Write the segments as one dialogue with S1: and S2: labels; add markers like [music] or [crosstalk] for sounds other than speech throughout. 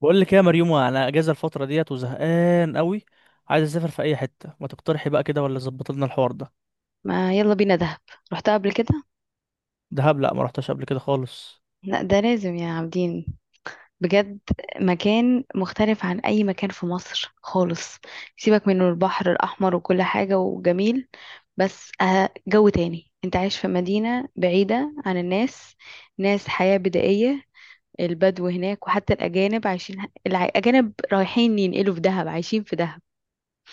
S1: بقول لك إيه يا مريومه، انا اجازه الفتره ديت وزهقان قوي. عايز اسافر في اي حته، ما تقترحي بقى كده ولا ظبط لنا الحوار ده؟
S2: ما يلا بينا دهب. رحتها قبل كده.
S1: دهب، لا ما رحتش قبل كده خالص.
S2: لا، ده لازم يا عابدين. بجد. مكان مختلف عن اي مكان في مصر خالص. سيبك من البحر الاحمر وكل حاجة وجميل. بس جو تاني، انت عايش في مدينة بعيدة عن الناس. ناس، حياة بدائية. البدو هناك وحتى الاجانب عايشين الاجانب رايحين ينقلوا في دهب، عايشين في دهب.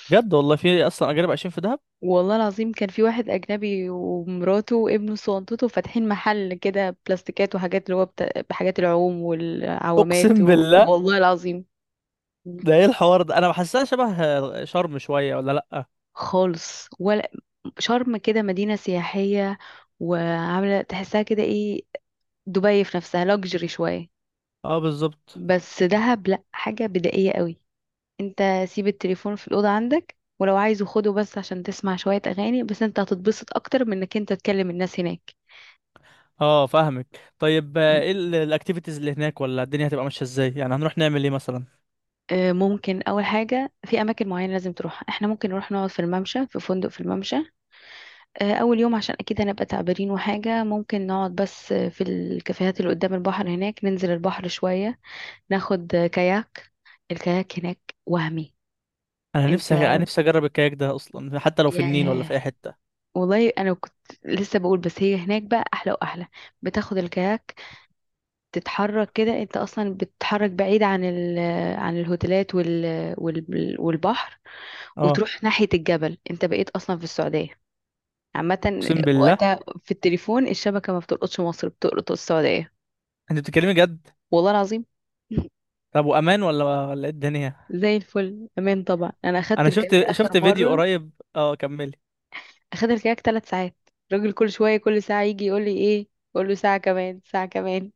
S1: بجد؟ والله في اصلا اجانب عايشين في دهب؟
S2: والله العظيم، كان في واحد أجنبي ومراته وابنه صنطته فاتحين محل كده بلاستيكات وحاجات اللي هو بحاجات العوم
S1: اقسم
S2: والعوامات
S1: بالله؟
S2: والله العظيم.
S1: ده ايه الحوار ده؟ انا بحسها شبه شرم شويه ولا لا؟
S2: خالص ولا. شرم كده مدينة سياحية. وعاملة تحسها كده ايه؟ دبي في نفسها لاكجري شوية.
S1: اه بالظبط.
S2: بس دهب لأ، حاجة بدائية قوي. انت. سيب التليفون في الأوضة عندك، ولو عايزه خده بس عشان تسمع شوية أغاني، بس انت هتتبسط أكتر من انك انت تكلم الناس هناك.
S1: اه فاهمك. طيب ايه الاكتيفيتيز اللي هناك ولا الدنيا هتبقى ماشيه ازاي؟ يعني هنروح نعمل ايه مثلا؟
S2: ممكن اول حاجه في اماكن معينه لازم تروح، احنا ممكن نروح نقعد في الممشى، في فندق في الممشى. اول يوم عشان اكيد هنبقى تعبانين وحاجه، ممكن نقعد بس في الكافيهات اللي قدام البحر، هناك ننزل البحر شويه. ناخد كاياك. الكاياك هناك وهمي.
S1: انا
S2: انت.
S1: نفسي انا نفسي اجرب الكاياك ده اصلا، حتى لو في النيل ولا
S2: ياه.
S1: في اي حته.
S2: والله انا كنت. لسه بقول، بس هي هناك بقى احلى واحلى. بتاخد الكاياك. تتحرك كده، انت اصلا بتتحرك بعيد عن عن الهوتيلات والبحر.
S1: اه.
S2: وتروح ناحية الجبل، انت بقيت اصلا في السعودية. عامة
S1: اقسم بالله.
S2: وقتها في التليفون، الشبكة ما بتلقطش مصر، بتلقط السعودية.
S1: انت بتتكلمي جد؟
S2: والله العظيم. [laughs]
S1: طب وامان ولا ايه الدنيا؟
S2: زي الفل، امان طبعا، انا اخدت
S1: انا
S2: الكاك
S1: شفت
S2: اخر
S1: شفت فيديو
S2: مرة.
S1: قريب. اه، كملي.
S2: اخدت الكاك 3 ساعات. الراجل كل شوية كل ساعة يجي يقول لي ايه؟ اقول له ساعة كمان، ساعة كمان.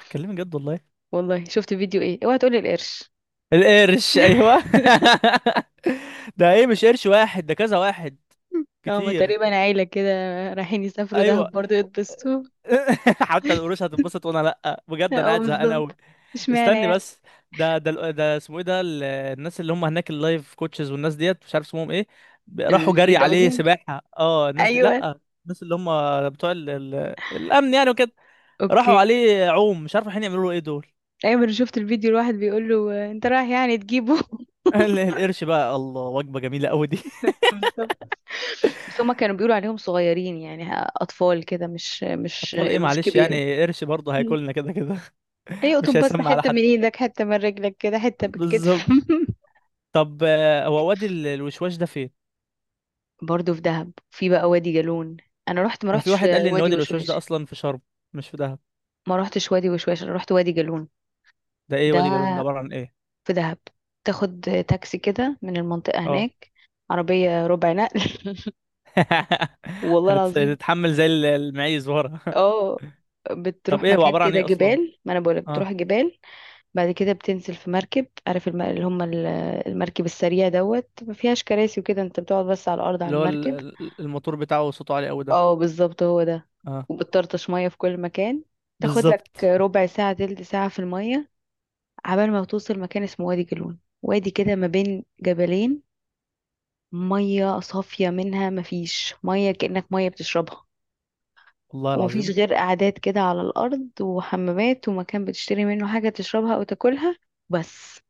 S1: تتكلمي جد والله؟
S2: والله شفت فيديو، ايه، اوعى تقولي القرش.
S1: القرش، ايوه.
S2: [laughs]
S1: [laughs] ده ايه؟ مش قرش واحد، ده كذا واحد.
S2: هما
S1: كتير.
S2: تقريبا عيلة كده. رايحين يسافروا
S1: ايوه.
S2: دهب برضه يتبسطوا.
S1: [laughs] حتى القروش هتتبسط وانا لا. بجد انا
S2: اه،
S1: قاعد زهقان قوي.
S2: بالظبط. اشمعنى
S1: استني
S2: يعني؟
S1: بس. ده اسمه ايه؟ الناس اللي هم هناك اللايف كوتشز والناس ديت، مش عارف اسمهم ايه. راحوا
S2: الفري
S1: جري عليه
S2: دايفنج.
S1: سباحة. اه الناس دي،
S2: ايوه.
S1: لا. الناس اللي هم بتوع الامن يعني وكده. راحوا
S2: اوكي.
S1: عليه عوم، مش عارف الحين يعملوا له ايه دول.
S2: ايوه، انا شفت الفيديو الواحد بيقول له انت رايح يعني تجيبه. [laughs]
S1: القرش بقى الله، وجبة جميلة قوي دي. [laughs]
S2: بالظبط. بس هما كانوا بيقولوا عليهم صغيرين يعني اطفال كده، مش
S1: اطفال ايه؟
S2: قروش
S1: معلش،
S2: كبيره.
S1: يعني قرش برضه
S2: مم.
S1: هياكلنا كده كده. [laughs] مش
S2: يقطب بس
S1: هيسمع على
S2: حته من
S1: حد.
S2: ايدك، حته من رجلك كده، حته بالكتف.
S1: بالظبط.
S2: [laughs]
S1: طب، هو وادي الوشواش ده فين؟
S2: برضه في دهب، في بقى وادي جالون. انا رحت، ما
S1: انا في
S2: رحتش
S1: واحد قال لي ان
S2: وادي
S1: وادي الوشواش
S2: وشواش.
S1: ده اصلا في شرم. مش في دهب.
S2: ما رحتش وادي وشواش، انا رحت وادي جالون.
S1: ده ايه
S2: ده.
S1: وادي جالون ده؟ عبارة عن ايه؟
S2: في دهب. تاخد. تاكسي كده من المنطقه
S1: اه.
S2: هناك. عربيه ربع نقل.
S1: [laughs]
S2: [laughs] والله العظيم.
S1: هنتحمل زي المعيز ورا.
S2: اه.
S1: [laughs] طب
S2: بتروح
S1: ايه هو
S2: مكان
S1: عبارة عن
S2: كده
S1: ايه اصلا؟
S2: جبال، ما انا بقولك
S1: اه.
S2: بتروح جبال. بعد كده بتنزل في مركب، عارف اللي هم المركب السريع دوت، ما فيهاش كراسي وكده، انت بتقعد بس على الارض على
S1: اللي هو
S2: المركب.
S1: الموتور بتاعه صوته عالي قوي ده.
S2: اه بالظبط، هو ده.
S1: اه
S2: وبتطرطش ميه في كل مكان. تاخد لك
S1: بالظبط،
S2: ربع ساعه تلت ساعه في الميه. عبال ما توصل مكان اسمه وادي جالون، وادي كده ما بين جبلين. ميه صافيه منها ما فيش ميه، كأنك ميه بتشربها.
S1: والله
S2: ومفيش
S1: العظيم.
S2: غير قعدات كده على الأرض، وحمامات، ومكان بتشتري منه حاجة تشربها أو تاكلها. بس.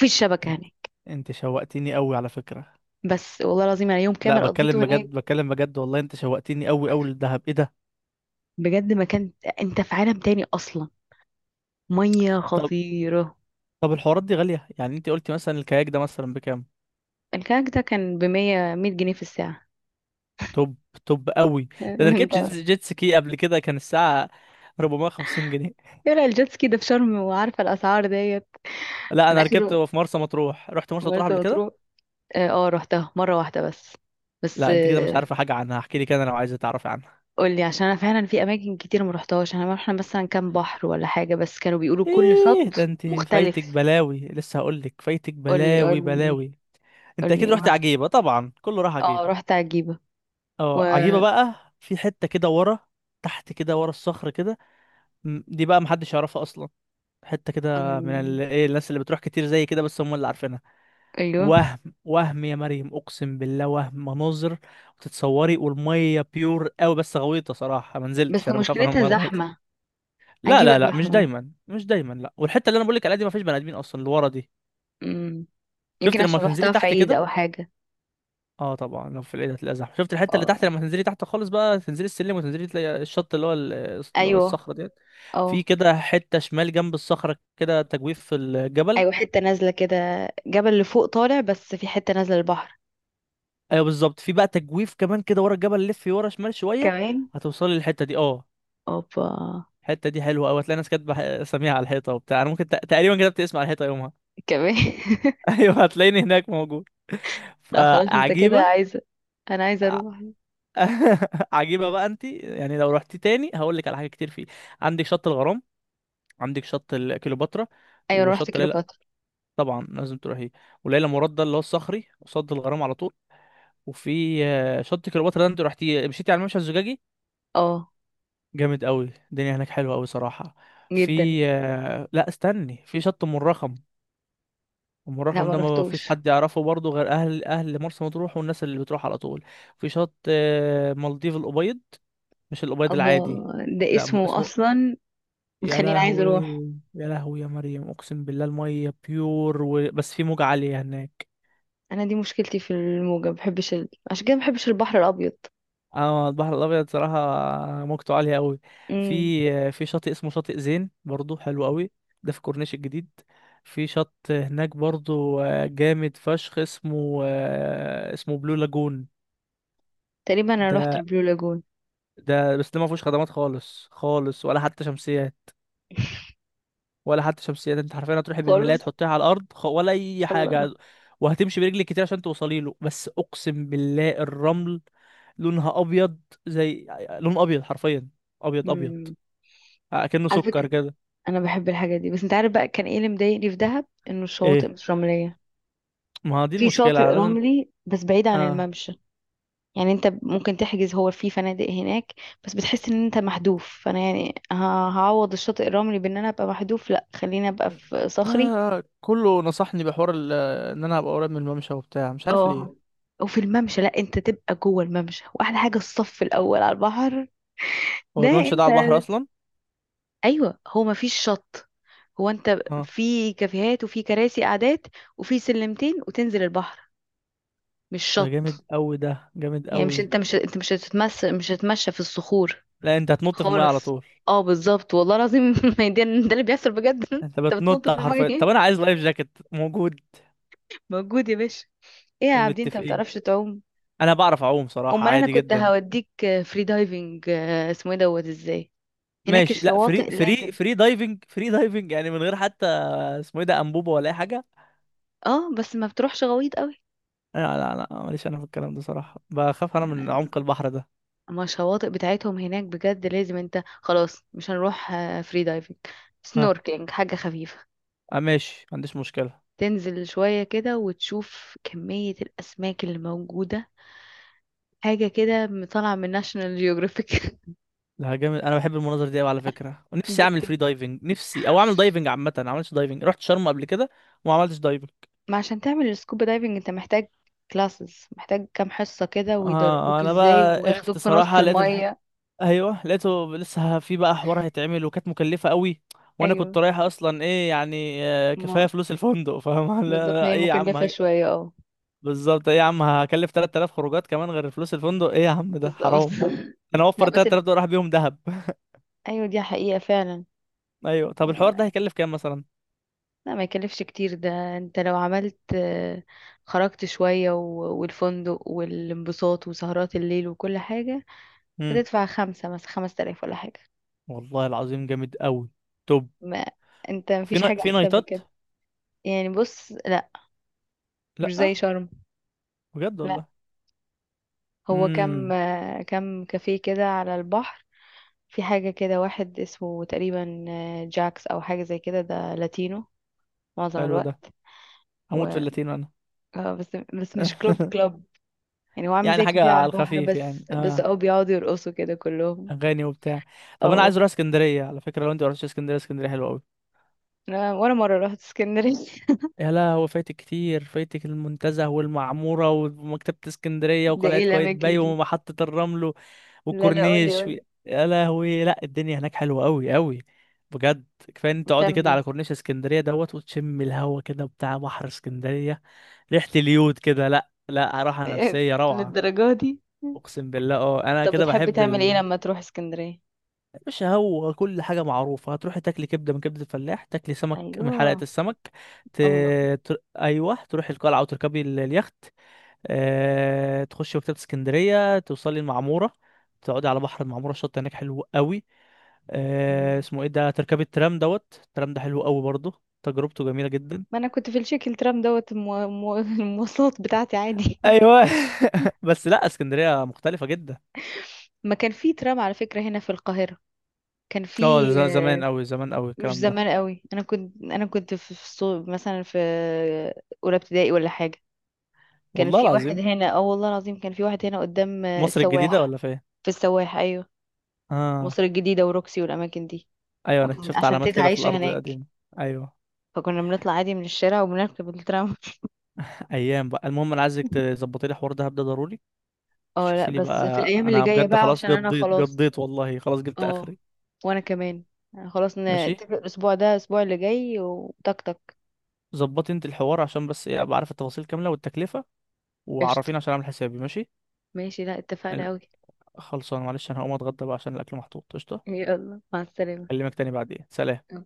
S2: مفيش شبكة
S1: انت
S2: هناك.
S1: انت شوقتني قوي على فكرة.
S2: بس والله العظيم، أنا يوم
S1: لا
S2: كامل
S1: بتكلم
S2: قضيته هناك.
S1: بجد، بتكلم بجد والله. انت شوقتني قوي قوي للدهب، ايه ده؟
S2: بجد مكان. أنت في عالم تاني أصلا. مية
S1: طب،
S2: خطيرة.
S1: الحوارات دي غالية، يعني انت قلتي مثلا الكاياك ده مثلا بكام؟
S2: الكاك ده كان بمية مية جنيه في الساعة.
S1: توب. توب قوي. ده
S2: [laughs]
S1: انا ركبت
S2: انت.
S1: جيت سكي قبل كده كان الساعة 450 جنيه.
S2: يلا، الجيتسكي ده في شرم وعارفة الأسعار ديت.
S1: لا
S2: من
S1: انا ركبت
S2: آخر.
S1: في مرسى مطروح، رحت مرسى مطروح
S2: مرسى
S1: قبل كده.
S2: مطروح. اه، روحتها مرة واحدة بس. بس.
S1: لا انت كده مش عارفة حاجة عنها، احكي لي كده لو عايزة تعرفي عنها.
S2: قولي، عشان انا فعلا في اماكن كتير ما رحتهاش، انا رحنا مثلا كام بحر ولا حاجه، بس كانوا بيقولوا كل
S1: ايه ده؟
S2: شط
S1: انت فايتك
S2: مختلف.
S1: بلاوي، لسه هقول لك فايتك
S2: قولي
S1: بلاوي
S2: قولي.
S1: بلاوي. انت اكيد
S2: قولي، ما
S1: رحت
S2: رحت.
S1: عجيبة، طبعا كله راح
S2: اه،
S1: عجيبة.
S2: رحت عجيبه. و.
S1: اه عجيبة بقى، في حتة كده ورا. تحت كده ورا الصخر كده. دي بقى محدش يعرفها اصلا. حته كده
S2: أم،
S1: ايه، الناس اللي بتروح كتير زي كده بس هم اللي عارفينها.
S2: ايوه.
S1: وهم. وهم يا مريم اقسم بالله، وهم مناظر. وتتصوري، والميه بيور قوي بس غويطه صراحه، ما نزلتش.
S2: بس
S1: انا بخاف انا من
S2: مشكلتها
S1: الميه الغويطه.
S2: زحمه.
S1: لا
S2: عجيبه
S1: لا لا، مش
S2: زحمه.
S1: دايما مش دايما. لا، والحته اللي انا بقول لك عليها دي ما فيش بني ادمين اصلا اللي ورا دي.
S2: امم. يمكن
S1: شفت لما
S2: عشان
S1: تنزلي
S2: رحتها في
S1: تحت
S2: عيد
S1: كده؟
S2: او حاجه.
S1: اه طبعا، لو في العيد هتلاقي زحمه. شفت الحته اللي تحت
S2: اه.
S1: لما تنزلي تحت خالص بقى؟ تنزلي السلم وتنزلي تلاقي الشط اللي هو
S2: ايوه.
S1: الصخره ديت.
S2: اه.
S1: في كده حته شمال جنب الصخره كده، تجويف في الجبل.
S2: ايوه، حته نازله كده. جبل لفوق طالع، بس في حته نازله البحر.
S1: ايوه بالظبط، في بقى تجويف كمان كده ورا الجبل، لف ورا شمال شويه.
S2: كمان.
S1: هتوصلي للحته دي، اه.
S2: اوبا.
S1: الحته دي حلوه قوي، هتلاقي ناس كاتبه اساميها على الحيطه وبتاع. انا ممكن تقريبا كتبت اسمي على الحيطه يومها.
S2: كمان. [laughs]
S1: [laughs] ايوه، هتلاقيني هناك موجود.
S2: لا خلاص، انت كده
S1: فعجيبه.
S2: عايزه. انا عايزه
S1: ع-
S2: اروح.
S1: [laughs] عجيبه بقى، انت يعني لو رحتي تاني هقول لك على حاجه كتير فيه. عندك شط الغرام. عندك شط كليوباترا.
S2: ايوه أنا رحت
S1: وشط ليلى.
S2: كيلوباترا.
S1: طبعا لازم تروحيه. وليلى مراد ده اللي هو الصخري قصاد الغرام على طول. وفي شط كليوباترا ده، انت رحتي مشيتي على الممشى الزجاجي؟
S2: اه.
S1: جامد قوي، الدنيا هناك حلوه قوي صراحه.
S2: جدا.
S1: في لا استني، في شط ام الرخم. ام
S2: لا،
S1: الرخم
S2: ما
S1: ده ما فيش
S2: رحتوش.
S1: حد يعرفه برضه غير اهل اهل مرسى مطروح والناس اللي بتروح على طول. في شط مالديف الابيض. مش الابيض العادي.
S2: الله. ده
S1: لا
S2: اسمه
S1: اسمه.
S2: اصلا؟
S1: يا
S2: مخليني عايزه
S1: لهوي.
S2: اروح.
S1: يا لهوي يا مريم اقسم بالله، الميه بيور بس في موجة عاليه هناك.
S2: انا دي مشكلتي في الموجه، ما بحبش عشان كده ما بحبش البحر الابيض.
S1: اه البحر الابيض صراحه. موجته عاليه قوي.
S2: امم.
S1: في في شاطئ اسمه شاطئ زين برضو حلو قوي. ده في كورنيش الجديد. في شط هناك برضو جامد فشخ، اسمه اسمه بلو لاجون.
S2: تقريبا انا رحت
S1: ده.
S2: البلو لاجون.
S1: ده بس ده ما فيهوش خدمات خالص خالص، ولا حتى شمسيات.
S2: [laughs]
S1: ولا حتى شمسيات، انت حرفيا هتروحي بالملاية
S2: خالص.
S1: تحطيها على الارض، ولا اي
S2: الله.
S1: حاجه. وهتمشي برجلك كتير عشان توصلي له، بس اقسم بالله الرمل. لونها ابيض. زي لون ابيض حرفيا. ابيض ابيض.
S2: امم.
S1: اكنه
S2: على
S1: سكر
S2: فكره.
S1: كده.
S2: انا بحب الحاجه دي، بس انت عارف بقى كان ايه اللي مضايقني في دهب؟ انه الشواطئ
S1: ايه؟
S2: مش رمليه.
S1: ما هو دي
S2: في شاطئ
S1: المشكله لازم.
S2: رملي بس بعيد عن
S1: اه
S2: الممشى. يعني انت ممكن تحجز، هو في فنادق هناك. بس بتحس ان انت محذوف، فانا يعني هعوض الشاطئ الرملي بان انا ابقى محذوف، لا خليني ابقى في صخري.
S1: لا، كله نصحني بحوار ان انا ابقى قريب من الممشى وبتاع، مش عارف
S2: اه.
S1: ليه.
S2: وفي الممشى، لا انت تبقى جوه الممشى، واحلى حاجه الصف الاول على البحر.
S1: هو
S2: ده
S1: الممشى ده
S2: انت.
S1: على البحر اصلا؟
S2: ايوه، هو ما فيش شط. هو انت
S1: اه.
S2: في كافيهات وفي كراسي قعدات. وفي سلمتين وتنزل البحر. مش
S1: ده جامد
S2: شط.
S1: قوي ده. جامد
S2: يعني مش
S1: قوي.
S2: انت مش انت مش هتتمشى في الصخور.
S1: لا، انت هتنط في الميه على
S2: خالص.
S1: طول.
S2: اه بالظبط والله العظيم. [laughs] ما هي ده اللي بيحصل بجد. [laughs]
S1: انت
S2: انت بتنط
S1: بتنط
S2: في الميه،
S1: حرفيا. طب
S2: ايه؟
S1: انا عايز لايف جاكيت موجود؟
S2: موجود يا باشا. ايه يا عابدين، انت ما
S1: متفقين.
S2: بتعرفش تعوم؟
S1: انا بعرف اعوم صراحه،
S2: امال انا
S1: عادي
S2: كنت
S1: جدا.
S2: هوديك. فري دايفنج، اسمه ايه دوت ازاي. هناك
S1: ماشي، لا فري
S2: الشواطئ
S1: فري
S2: لازم.
S1: فري دايفنج فري دايفنج يعني، من غير حتى. اسمه ايه ده، انبوبه ولا اي حاجه؟
S2: اه، بس ما بتروحش غويط قوي.
S1: لا لا لا، ماليش انا في الكلام ده صراحه، بخاف انا من عمق البحر ده.
S2: ما الشواطئ بتاعتهم هناك بجد لازم، انت خلاص مش هنروح فري دايفنج. سنوركلينج، حاجة خفيفة.
S1: ماشي، ما عنديش مشكلة.
S2: تنزل شوية كده وتشوف كمية الأسماك اللي موجودة. حاجة كده طالعة من ناشونال جيوغرافيك. [laughs]
S1: ده جامد، انا بحب المناظر دي قوي على فكرة. ونفسي اعمل
S2: جدا.
S1: فري دايفنج، نفسي او اعمل دايفنج عامة. انا ما عملتش دايفنج، رحت شرم قبل كده. وما عملتش دايفنج.
S2: ما عشان تعمل السكوبا دايفنج، انت محتاج. كلاسز، محتاج كام حصة كده
S1: اه
S2: ويدربوك
S1: انا
S2: ازاي،
S1: بقى قرفت
S2: وياخدوك في نص
S1: صراحة،
S2: المية.
S1: ايوه لقيته، لسه في بقى حوار هيتعمل، وكانت مكلفة قوي. وانا كنت
S2: ايوه.
S1: رايح اصلا، ايه يعني
S2: ما.
S1: كفاية فلوس الفندق فاهم. [laughs]
S2: بالظبط، ما
S1: لا،
S2: هي
S1: ايه يا عم
S2: مكلفة شوية اه.
S1: بالظبط، ايه يا عم هكلف 3000 خروجات كمان غير فلوس الفندق، ايه يا عم ده
S2: بالظبط.
S1: حرام.
S2: [laughs]
S1: انا
S2: لا
S1: اوفر
S2: بس
S1: 3000 دول راح بيهم دهب. [laughs]
S2: ايوه، دي حقيقة فعلا.
S1: ايوه، طب الحوار
S2: وما-
S1: ده هيكلف كام مثلا؟
S2: لا ما يكلفش كتير، ده انت لو عملت خرجت شوية والفندق والانبساط وسهرات الليل وكل حاجة، هتدفع خمسة، مثلا خمس تلاف ولا حاجة.
S1: والله العظيم جامد قوي. طب،
S2: ما. انت
S1: في
S2: مفيش حاجة
S1: في
S2: احسن من
S1: نايتات؟
S2: كده. يعني بص، لا. مش
S1: لا
S2: زي شرم.
S1: بجد
S2: لا.
S1: والله.
S2: هو كم
S1: امم.
S2: آه، كم كافيه كده على البحر. في حاجة كده واحد اسمه تقريبا جاكس أو حاجة زي كده، ده لاتينو. معظم
S1: حلو ده.
S2: الوقت.
S1: هموت في
S2: و...
S1: اللاتينو انا.
S2: بس مش كلوب
S1: [laughs]
S2: كلوب. يعني هو عامل
S1: يعني
S2: زي
S1: حاجه
S2: كافيه على
S1: على
S2: البحر،
S1: الخفيف يعني،
S2: بس
S1: اه.
S2: اه بيقعدوا يرقصوا كده كلهم.
S1: اغاني وبتاع. طب انا
S2: اه،
S1: عايز اروح اسكندريه على فكره، لو انت ما رحتش اسكندريه. اسكندريه حلوه قوي.
S2: ولا مرة رحت اسكندرية.
S1: يا لا، هو فايتك كتير، فايتك المنتزه والمعموره ومكتبه
S2: [laughs]
S1: اسكندريه
S2: ده
S1: وقلعه
S2: ايه الأماكن
S1: قايتباي
S2: دي؟
S1: ومحطه الرمل.
S2: لا لا، قولي
S1: والكورنيش
S2: قولي.
S1: يا لهوي، لا الدنيا هناك حلوه قوي قوي. بجد. كفايه ان انت تقعدي
S2: بتعمل
S1: كده
S2: ايه؟
S1: على كورنيش اسكندريه دوت، وتشم الهوا كده بتاع بحر اسكندريه. ريحه اليود كده، لا لا،
S2: [laughs]
S1: راحه
S2: إيه،
S1: نفسيه روعه.
S2: للدرجة دي؟
S1: اقسم بالله، اه انا
S2: طب،
S1: كده
S2: بتحب
S1: بحب
S2: تعمل ايه لما تروح اسكندرية؟
S1: مش هو كل حاجه معروفه، هتروحي تاكلي كبده من كبده الفلاح، تاكلي سمك من حلقه
S2: ايوه.
S1: السمك. ت...
S2: الله.
S1: ايوه، تروحي القلعه وتركبي اليخت. تخشي مكتبه اسكندريه، توصلي المعموره. تقعدي على بحر المعموره، الشط هناك حلو قوي. اسمه ايه ده، تركبي الترام دوت. الترام ده حلو قوي برضه، تجربته جميلة جدا.
S2: ما انا كنت في الشكل ترام دوت [laughs] المواصلات بتاعتي عادي.
S1: ايوه. [laughs] بس لا، اسكندرية مختلفة جدا.
S2: [laughs] ما كان في ترام على فكرة هنا في القاهرة. كان
S1: اه،
S2: في
S1: ده زمان قوي زمان قوي
S2: مش
S1: الكلام ده.
S2: زمان قوي، انا كنت في مثلا في اولى ابتدائي ولا حاجة. كان
S1: والله
S2: في واحد
S1: العظيم.
S2: هنا، اه والله العظيم، كان في واحد هنا قدام
S1: في مصر الجديدة
S2: السواح.
S1: ولا فين؟
S2: في السواح، ايوه.
S1: اه.
S2: مصر الجديدة وروكسي والاماكن دي.
S1: ايوه، انا شفت
S2: عشان
S1: علامات
S2: تيتا
S1: كده في
S2: عايشة
S1: الارض
S2: هناك.
S1: القديمة. ايوه.
S2: فكنا بنطلع عادي من الشارع وبنركب الترام.
S1: ايام بقى. المهم، انا عايزك تظبطي لي حوار دهب ده ضروري.
S2: [laughs] اه، لا
S1: تشوفي لي
S2: بس في
S1: بقى،
S2: الايام اللي
S1: انا
S2: جاية
S1: بجد
S2: بقى
S1: خلاص
S2: عشان انا
S1: قضيت
S2: خلاص.
S1: قضيت والله، خلاص جبت
S2: اه.
S1: اخري.
S2: وانا كمان. يعني خلاص،
S1: ماشي.
S2: نتفق الاسبوع ده الاسبوع اللي جاي وتك تك.
S1: ظبطي انت الحوار عشان بس ايه، ابقى عارف التفاصيل كاملة والتكلفة.
S2: قشطة.
S1: وعرفيني عشان اعمل حسابي، ماشي.
S2: ماشي، لا اتفقنا قوي.
S1: خلصان، معلش انا هقوم اتغدى بقى عشان الاكل محطوط، قشطه.
S2: [laughs] يلا مع السلامة.
S1: اكلمك تاني بعدين، سلام.